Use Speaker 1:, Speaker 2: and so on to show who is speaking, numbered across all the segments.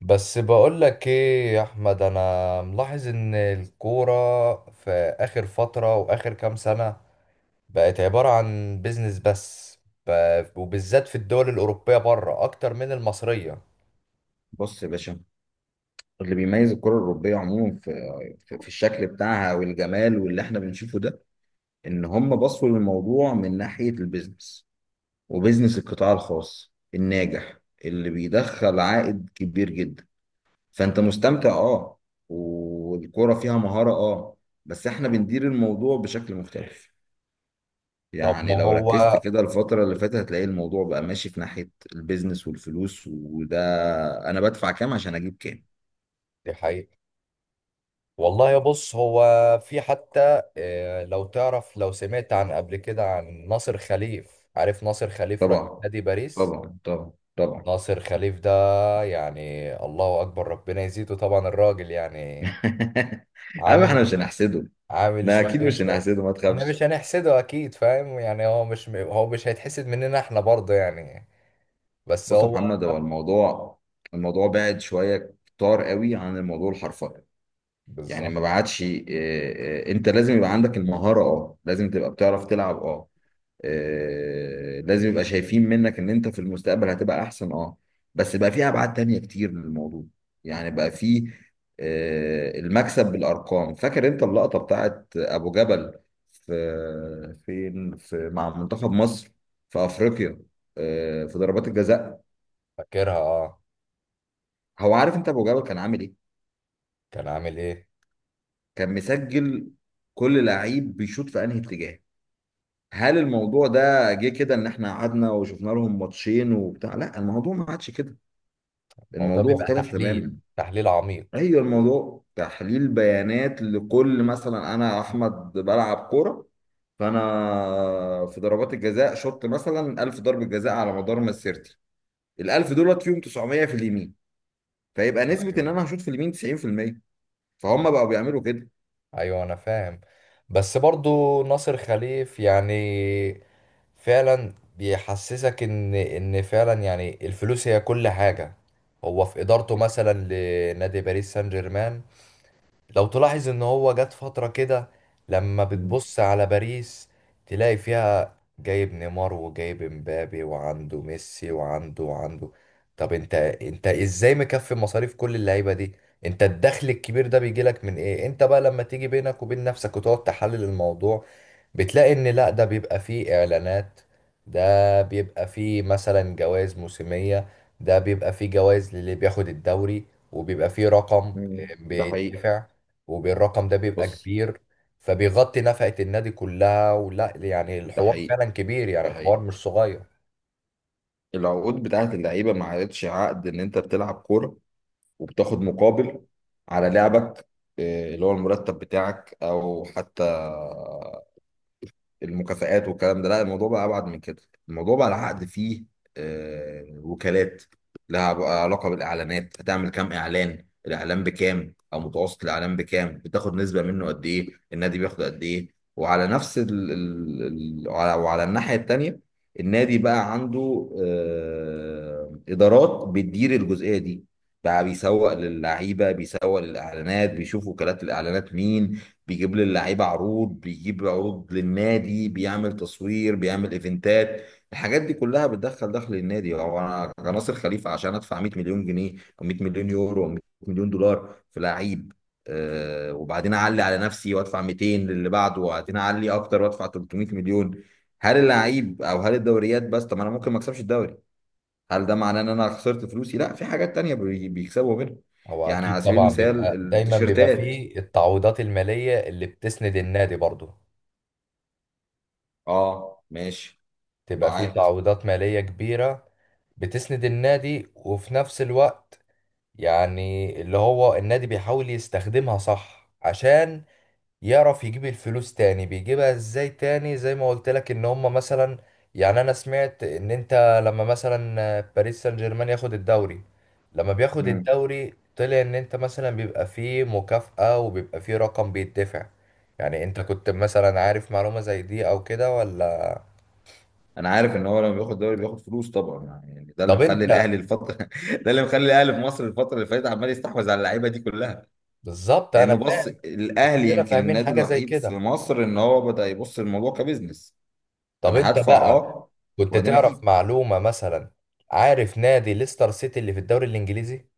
Speaker 1: بس بقولك ايه يا احمد، انا ملاحظ ان الكورة في اخر فترة واخر كام سنة بقت عبارة عن بيزنس بس. وبالذات في الدول الاوروبية بره اكتر من المصرية.
Speaker 2: بص يا باشا، اللي بيميز الكرة الأوروبية عموما في الشكل بتاعها والجمال واللي احنا بنشوفه ده، إن هم بصوا للموضوع من ناحية البيزنس، وبيزنس القطاع الخاص الناجح اللي بيدخل عائد كبير جدا. فأنت مستمتع أه، والكرة فيها مهارة أه، بس احنا بندير الموضوع بشكل مختلف.
Speaker 1: طب ما
Speaker 2: يعني لو ركزت
Speaker 1: هو
Speaker 2: كده الفترة اللي فاتت هتلاقي الموضوع بقى ماشي في ناحية البيزنس والفلوس وده، أنا بدفع كام عشان أجيب كام.
Speaker 1: دي حقيقة. والله يا بص، هو في حتى لو تعرف، لو سمعت عن قبل كده عن ناصر خليف. عارف ناصر خليف رئيس
Speaker 2: طبعا،
Speaker 1: نادي باريس؟
Speaker 2: طبعا، طبعا، طبعا.
Speaker 1: ناصر خليف ده يعني الله اكبر، ربنا يزيده طبعا. الراجل يعني
Speaker 2: أما احنا
Speaker 1: عامل
Speaker 2: مش هنحسده.
Speaker 1: عامل
Speaker 2: لا اكيد
Speaker 1: شوية
Speaker 2: مش
Speaker 1: شوية.
Speaker 2: هنحسده ما
Speaker 1: احنا
Speaker 2: تخافش.
Speaker 1: مش هنحسده اكيد، فاهم؟ يعني هو مش هيتحسد مننا احنا برضه يعني. بس
Speaker 2: بص يا
Speaker 1: هو
Speaker 2: محمد، هو الموضوع، الموضوع بعد شويه كتار قوي عن الموضوع الحرفي. يعني ما
Speaker 1: بالظبط.
Speaker 2: بعدش انت لازم يبقى عندك المهاره اه، لازم تبقى بتعرف تلعب اه، لازم يبقى شايفين منك ان انت في المستقبل هتبقى احسن اه، بس بقى في ابعاد تانية كتير للموضوع. يعني بقى في المكسب بالارقام. فاكر انت اللقطة بتاعت ابو جبل في فين في مع منتخب مصر في افريقيا، في ضربات الجزاء؟
Speaker 1: فاكرها اه.
Speaker 2: هو عارف انت ابو جبل كان عامل ايه؟
Speaker 1: كان عامل ايه؟
Speaker 2: كان مسجل كل لعيب بيشوط في انهي اتجاه. هل الموضوع ده جه كده ان احنا قعدنا وشفنا لهم ماتشين وبتاع؟ لا الموضوع ما عادش كده،
Speaker 1: الموضوع
Speaker 2: الموضوع
Speaker 1: بيبقى
Speaker 2: اختلف تماما.
Speaker 1: تحليل عميق.
Speaker 2: ايوه، الموضوع تحليل بيانات. لكل مثلا انا احمد بلعب كوره، فانا في ضربات الجزاء شوط مثلا 1000 ضربه جزاء على مدار مسيرتي. ال1000 دولت فيهم 900 في اليمين، فيبقى نسبه ان
Speaker 1: ايوه،
Speaker 2: انا هشوط في اليمين 90%. فهم بقوا بيعملوا كده.
Speaker 1: ايوه انا فاهم. بس برضه ناصر خليف يعني فعلا بيحسسك ان فعلا يعني الفلوس هي كل حاجة. هو في ادارته مثلا لنادي باريس سان جيرمان، لو تلاحظ ان هو جت فترة كده، لما
Speaker 2: مم.
Speaker 1: بتبص على باريس تلاقي فيها جايب نيمار وجايب امبابي وعنده ميسي وعنده وعنده. طب انت ازاي مكفي مصاريف كل اللعيبة دي؟ انت الدخل الكبير ده بيجيلك من ايه؟ انت بقى لما تيجي بينك وبين نفسك وتقعد تحلل الموضوع بتلاقي ان لا، ده بيبقى فيه اعلانات، ده بيبقى فيه مثلا جوائز موسمية، ده بيبقى فيه جوائز للي بياخد الدوري، وبيبقى فيه رقم
Speaker 2: مم. ده حقيقي.
Speaker 1: بيدفع. والرقم ده بيبقى
Speaker 2: بص،
Speaker 1: كبير. فبيغطي نفقة النادي كلها، ولا يعني
Speaker 2: ده
Speaker 1: الحوار
Speaker 2: حقيقي،
Speaker 1: فعلا كبير، يعني
Speaker 2: ده
Speaker 1: الحوار
Speaker 2: حقيقي.
Speaker 1: مش صغير.
Speaker 2: العقود بتاعت اللعيبه ما عادتش عقد ان انت بتلعب كوره وبتاخد مقابل على لعبك، اللي هو المرتب بتاعك او حتى المكافآت والكلام ده. لا الموضوع بقى ابعد من كده، الموضوع بقى العقد فيه وكالات، لها بقى علاقه بالاعلانات. هتعمل كام اعلان؟ الاعلان بكام او متوسط الاعلان بكام؟ بتاخد نسبه منه قد ايه؟ النادي بياخد قد ايه؟ وعلى نفس وعلى الناحيه التانيه، النادي بقى عنده ادارات بتدير الجزئيه دي، بقى بيسوق للعيبه، بيسوق للاعلانات، بيشوف وكالات الاعلانات مين، بيجيب للعيبه عروض، بيجيب عروض للنادي، بيعمل تصوير، بيعمل ايفنتات. الحاجات دي كلها بتدخل دخل النادي. هو انا كناصر خليفه عشان ادفع 100 مليون جنيه او 100 مليون يورو او 100 مليون دولار في لعيب، آه، وبعدين اعلي على نفسي وادفع 200 للي بعده، وبعدين اعلي اكتر وادفع 300 مليون، هل اللعيب او هل الدوريات بس؟ طب ما انا ممكن ما اكسبش الدوري، هل ده معناه ان انا خسرت فلوسي؟ لا، في حاجات تانية بيكسبوا منها.
Speaker 1: هو
Speaker 2: يعني
Speaker 1: أكيد
Speaker 2: على سبيل
Speaker 1: طبعا
Speaker 2: المثال
Speaker 1: بيبقى دايما بيبقى
Speaker 2: التيشيرتات.
Speaker 1: فيه التعويضات المالية اللي بتسند النادي برضو.
Speaker 2: اه ماشي.
Speaker 1: تبقى فيه
Speaker 2: معاك.
Speaker 1: تعويضات مالية كبيرة بتسند النادي، وفي نفس الوقت يعني اللي هو النادي بيحاول يستخدمها صح عشان يعرف يجيب الفلوس تاني. بيجيبها ازاي تاني؟ زي ما قلت لك ان هم مثلا، يعني انا سمعت ان انت لما مثلا باريس سان جيرمان ياخد الدوري، لما بياخد
Speaker 2: مم.
Speaker 1: الدوري طلع ان انت مثلا بيبقى فيه مكافأة وبيبقى فيه رقم بيدفع. يعني انت كنت مثلا عارف معلومة زي دي او كده ولا؟
Speaker 2: انا عارف ان هو لما بياخد دوري بياخد فلوس طبعا. يعني ده اللي
Speaker 1: طب
Speaker 2: مخلي
Speaker 1: انت
Speaker 2: الاهلي الفتره ده اللي مخلي الاهلي في مصر الفتره اللي فاتت عمال يستحوذ على اللعيبه دي كلها.
Speaker 1: بالظبط انا
Speaker 2: لانه بص،
Speaker 1: فاهم.
Speaker 2: الاهلي
Speaker 1: وكلنا
Speaker 2: يمكن
Speaker 1: فاهمين
Speaker 2: النادي
Speaker 1: حاجة زي
Speaker 2: الوحيد في
Speaker 1: كده.
Speaker 2: مصر ان هو بدا يبص للموضوع كبزنس.
Speaker 1: طب
Speaker 2: انا
Speaker 1: انت
Speaker 2: هدفع
Speaker 1: بقى
Speaker 2: اه
Speaker 1: كنت
Speaker 2: وبعدين اجيب.
Speaker 1: تعرف معلومة مثلا؟ عارف نادي ليستر سيتي اللي في الدوري الانجليزي؟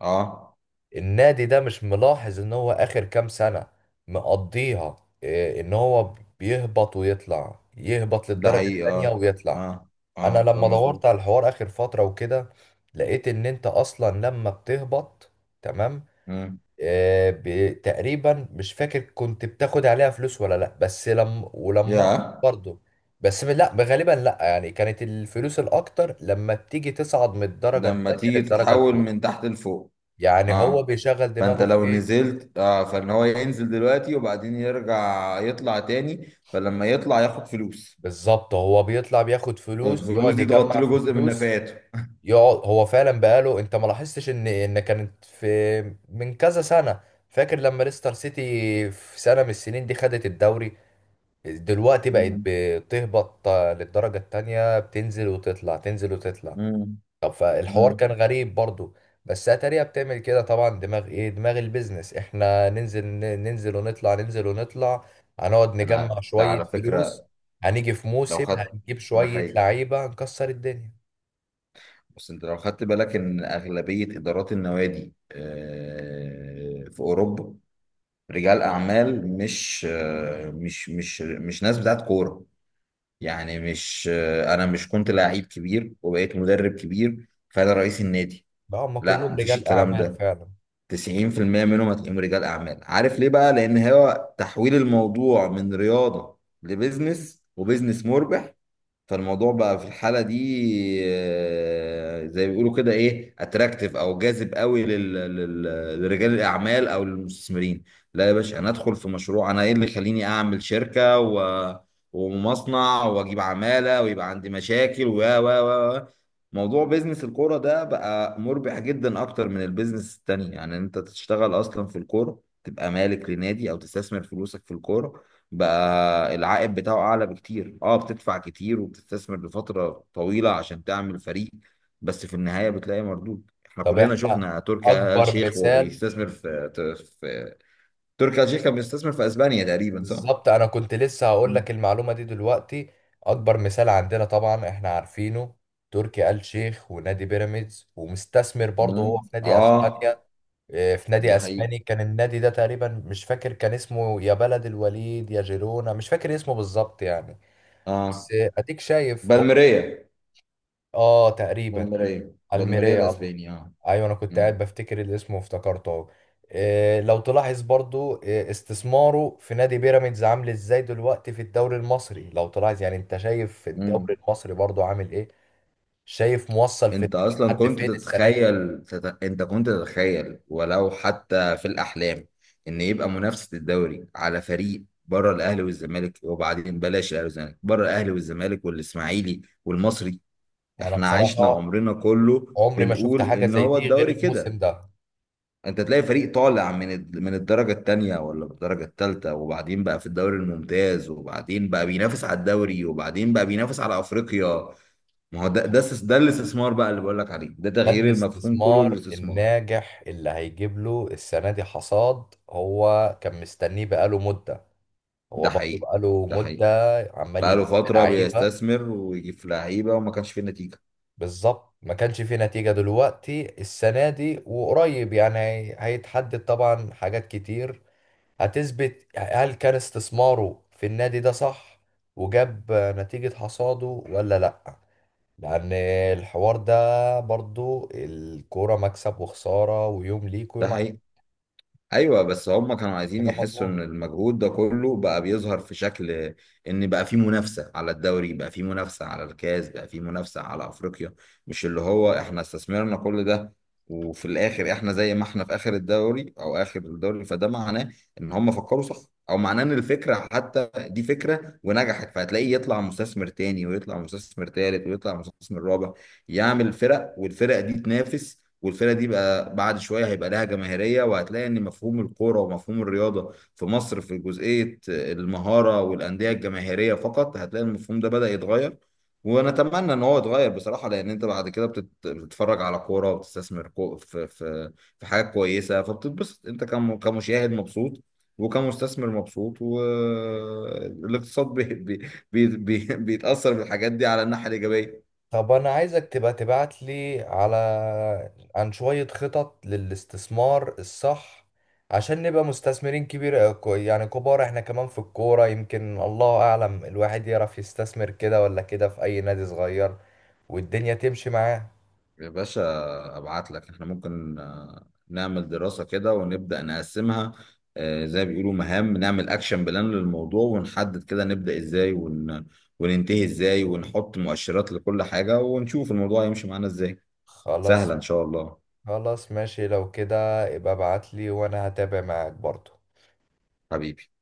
Speaker 2: اه،
Speaker 1: النادي ده مش ملاحظ ان هو اخر كام سنة مقضيها ان هو بيهبط ويطلع، يهبط
Speaker 2: ده
Speaker 1: للدرجة
Speaker 2: حقيقي
Speaker 1: التانية
Speaker 2: اه،
Speaker 1: ويطلع.
Speaker 2: اه،
Speaker 1: انا
Speaker 2: اه ده
Speaker 1: لما دورت
Speaker 2: مظبوط.
Speaker 1: على الحوار اخر فترة وكده لقيت ان انت اصلا لما بتهبط، تمام،
Speaker 2: مم.
Speaker 1: تقريبا مش فاكر كنت بتاخد عليها فلوس ولا لا، بس لما
Speaker 2: يا
Speaker 1: ولما برضه، بس لا غالبا لا، يعني كانت الفلوس الاكتر لما بتيجي تصعد من الدرجة
Speaker 2: لما
Speaker 1: التانية
Speaker 2: تيجي
Speaker 1: للدرجة
Speaker 2: تتحول
Speaker 1: الاولى.
Speaker 2: من تحت لفوق.
Speaker 1: يعني هو
Speaker 2: اه،
Speaker 1: بيشغل
Speaker 2: فانت
Speaker 1: دماغه في
Speaker 2: لو
Speaker 1: ايه؟
Speaker 2: نزلت اه، فان هو ينزل دلوقتي وبعدين يرجع يطلع تاني، فلما يطلع ياخد فلوس،
Speaker 1: بالظبط، هو بيطلع بياخد فلوس،
Speaker 2: فالفلوس
Speaker 1: يقعد
Speaker 2: دي تغطي
Speaker 1: يجمع
Speaker 2: له
Speaker 1: في
Speaker 2: جزء من
Speaker 1: فلوس،
Speaker 2: نفقاته.
Speaker 1: يقعد. هو فعلا بقاله، انت ما لاحظتش ان ان كانت في من كذا سنة، فاكر لما ليستر سيتي في سنة من السنين دي خدت الدوري؟ دلوقتي بقت
Speaker 2: مم.
Speaker 1: بتهبط للدرجة التانية، بتنزل وتطلع، تنزل وتطلع.
Speaker 2: مم.
Speaker 1: طب فالحوار
Speaker 2: مم.
Speaker 1: كان غريب برضو. بس اتاريا بتعمل كده طبعا. دماغ ايه؟ دماغ البيزنس. احنا ننزل ننزل ونطلع، ننزل ونطلع، هنقعد نجمع
Speaker 2: ده
Speaker 1: شوية
Speaker 2: على
Speaker 1: فلوس،
Speaker 2: فكرة
Speaker 1: هنيجي في
Speaker 2: لو
Speaker 1: موسم
Speaker 2: خدت.
Speaker 1: هنجيب
Speaker 2: ده
Speaker 1: شوية
Speaker 2: حقيقي.
Speaker 1: لعيبة هنكسر الدنيا.
Speaker 2: بس انت لو خدت بالك ان اغلبية ادارات النوادي في اوروبا رجال اعمال، مش مش ناس بتاعت كورة. يعني مش انا مش كنت لعيب كبير وبقيت مدرب كبير فانا رئيس النادي.
Speaker 1: بقى هم
Speaker 2: لا
Speaker 1: كلهم
Speaker 2: مفيش
Speaker 1: رجال
Speaker 2: الكلام
Speaker 1: اعمال
Speaker 2: ده،
Speaker 1: فعلا.
Speaker 2: 90% منهم هتلاقيهم رجال اعمال. عارف ليه بقى؟ لان هو تحويل الموضوع من رياضة لبزنس، وبزنس مربح. فالموضوع بقى في الحالة دي زي ما بيقولوا كده ايه، اتراكتيف او جاذب قوي لرجال الاعمال او للمستثمرين. لا يا باشا، انا ادخل في مشروع، انا ايه اللي يخليني اعمل شركة ومصنع واجيب عمالة ويبقى عندي مشاكل و و و و. موضوع بيزنس الكورة ده بقى مربح جدا اكتر من البيزنس التاني. يعني انت تشتغل اصلا في الكورة، تبقى مالك لنادي او تستثمر فلوسك في الكورة، بقى العائد بتاعه اعلى بكتير. اه بتدفع كتير وبتستثمر لفترة طويلة عشان تعمل فريق، بس في النهاية بتلاقي مردود. احنا
Speaker 1: طب
Speaker 2: كلنا
Speaker 1: احنا
Speaker 2: شفنا تركي آل
Speaker 1: اكبر
Speaker 2: شيخ وهو
Speaker 1: مثال.
Speaker 2: بيستثمر في تركي آل شيخ كان بيستثمر في اسبانيا تقريبا صح؟
Speaker 1: بالظبط انا كنت لسه هقول
Speaker 2: مم.
Speaker 1: لك المعلومة دي دلوقتي. اكبر مثال عندنا طبعا احنا عارفينه، تركي آل شيخ ونادي بيراميدز، ومستثمر برضه هو في
Speaker 2: مم.
Speaker 1: نادي اسبانيا.
Speaker 2: اه
Speaker 1: في نادي
Speaker 2: ده حقيقي
Speaker 1: اسباني كان، النادي ده تقريبا مش فاكر كان اسمه، يا بلد الوليد يا جيرونا، مش فاكر اسمه بالظبط يعني. بس
Speaker 2: اه.
Speaker 1: اديك شايف هو.
Speaker 2: بالميريا،
Speaker 1: اه تقريبا.
Speaker 2: بالميريا
Speaker 1: الميريا، الله،
Speaker 2: الاسباني اه.
Speaker 1: ايوه انا كنت قاعد
Speaker 2: مم.
Speaker 1: بفتكر الاسم وافتكرته اهو. لو تلاحظ برضو استثماره في نادي بيراميدز عامل ازاي دلوقتي في الدوري المصري. لو تلاحظ يعني انت شايف
Speaker 2: مم.
Speaker 1: الدوري المصري برضو عامل ايه، شايف موصل في،
Speaker 2: انت اصلا
Speaker 1: لحد
Speaker 2: كنت
Speaker 1: فين السنة دي؟
Speaker 2: تتخيل انت كنت تتخيل ولو حتى في الاحلام ان يبقى منافسه الدوري على فريق بره الاهلي والزمالك؟ وبعدين بلاش الاهلي والزمالك، بره الاهلي والزمالك والاسماعيلي والمصري.
Speaker 1: انا
Speaker 2: احنا عشنا
Speaker 1: بصراحة
Speaker 2: عمرنا كله
Speaker 1: عمري ما شفت
Speaker 2: بنقول
Speaker 1: حاجة
Speaker 2: ان
Speaker 1: زي
Speaker 2: هو
Speaker 1: دي غير
Speaker 2: الدوري
Speaker 1: الموسم
Speaker 2: كده.
Speaker 1: ده.
Speaker 2: انت تلاقي فريق طالع من من الدرجه الثانيه ولا الدرجه الثالثه، وبعدين بقى في الدوري الممتاز، وبعدين بقى بينافس على الدوري، وبعدين بقى بينافس على افريقيا. ما هو ده، ده الاستثمار بقى اللي بقول لك عليه، ده
Speaker 1: ده
Speaker 2: تغيير المفهوم كله
Speaker 1: الاستثمار
Speaker 2: للاستثمار.
Speaker 1: الناجح اللي هيجيب له السنة دي حصاد. هو كان مستنيه بقاله مدة، هو
Speaker 2: ده
Speaker 1: برضه
Speaker 2: حقيقي،
Speaker 1: بقاله
Speaker 2: ده
Speaker 1: مدة
Speaker 2: حقيقي.
Speaker 1: عمال
Speaker 2: بقى له
Speaker 1: يجيب
Speaker 2: فترة
Speaker 1: لعيبة.
Speaker 2: بيستثمر ويجيب في لعيبة وما كانش فيه نتيجة.
Speaker 1: بالظبط، ما كانش فيه نتيجة. دلوقتي السنة دي وقريب يعني هيتحدد طبعا حاجات كتير. هتثبت هل كان استثماره في النادي ده صح وجاب نتيجة حصاده ولا لأ. لأن الحوار ده برضو الكورة مكسب وخسارة، ويوم ليك
Speaker 2: ده
Speaker 1: ويوم.
Speaker 2: حقيقي. ايوه بس هم كانوا عايزين
Speaker 1: حاجه
Speaker 2: يحسوا ان
Speaker 1: مضمونه.
Speaker 2: المجهود ده كله بقى بيظهر في شكل، ان بقى في منافسه على الدوري، بقى في منافسه على الكاس، بقى في منافسه على افريقيا. مش اللي هو احنا استثمرنا كل ده وفي الاخر احنا زي ما احنا في اخر الدوري او اخر الدوري. فده معناه ان هم فكروا صح، او معناه ان الفكره حتى دي فكره ونجحت. فهتلاقيه يطلع مستثمر تاني ويطلع مستثمر تالت ويطلع مستثمر رابع يعمل فرق، والفرق دي تنافس، والفرقه دي بقى بعد شويه هيبقى لها جماهيريه. وهتلاقي ان مفهوم الكوره ومفهوم الرياضه في مصر في جزئيه المهاره والانديه الجماهيريه فقط، هتلاقي المفهوم ده بدأ يتغير. ونتمنى ان هو يتغير بصراحه، لان انت بعد كده بتتفرج على كوره وبتستثمر في حاجات كويسه، فبتتبسط انت كمشاهد مبسوط، وكمستثمر مبسوط، والاقتصاد بي بي بي بي بيتأثر بالحاجات دي على الناحية الإيجابية.
Speaker 1: طب انا عايزك تبقى تبعت لي على، عن شوية خطط للاستثمار الصح، عشان نبقى مستثمرين كبير يعني كبار احنا كمان في الكورة. يمكن الله اعلم الواحد يعرف يستثمر كده ولا كده في اي نادي صغير والدنيا تمشي معاه.
Speaker 2: يا باشا، ابعت لك، احنا ممكن نعمل دراسة كده ونبدأ نقسمها، زي ما بيقولوا مهام، نعمل اكشن بلان للموضوع ونحدد كده نبدأ ازاي وننتهي ازاي ونحط مؤشرات لكل حاجة ونشوف الموضوع يمشي معانا ازاي.
Speaker 1: خلاص.
Speaker 2: سهلة ان شاء الله.
Speaker 1: خلاص ماشي لو كده، ابقى ابعت لي وانا هتابع معاك برضه.
Speaker 2: حبيبي.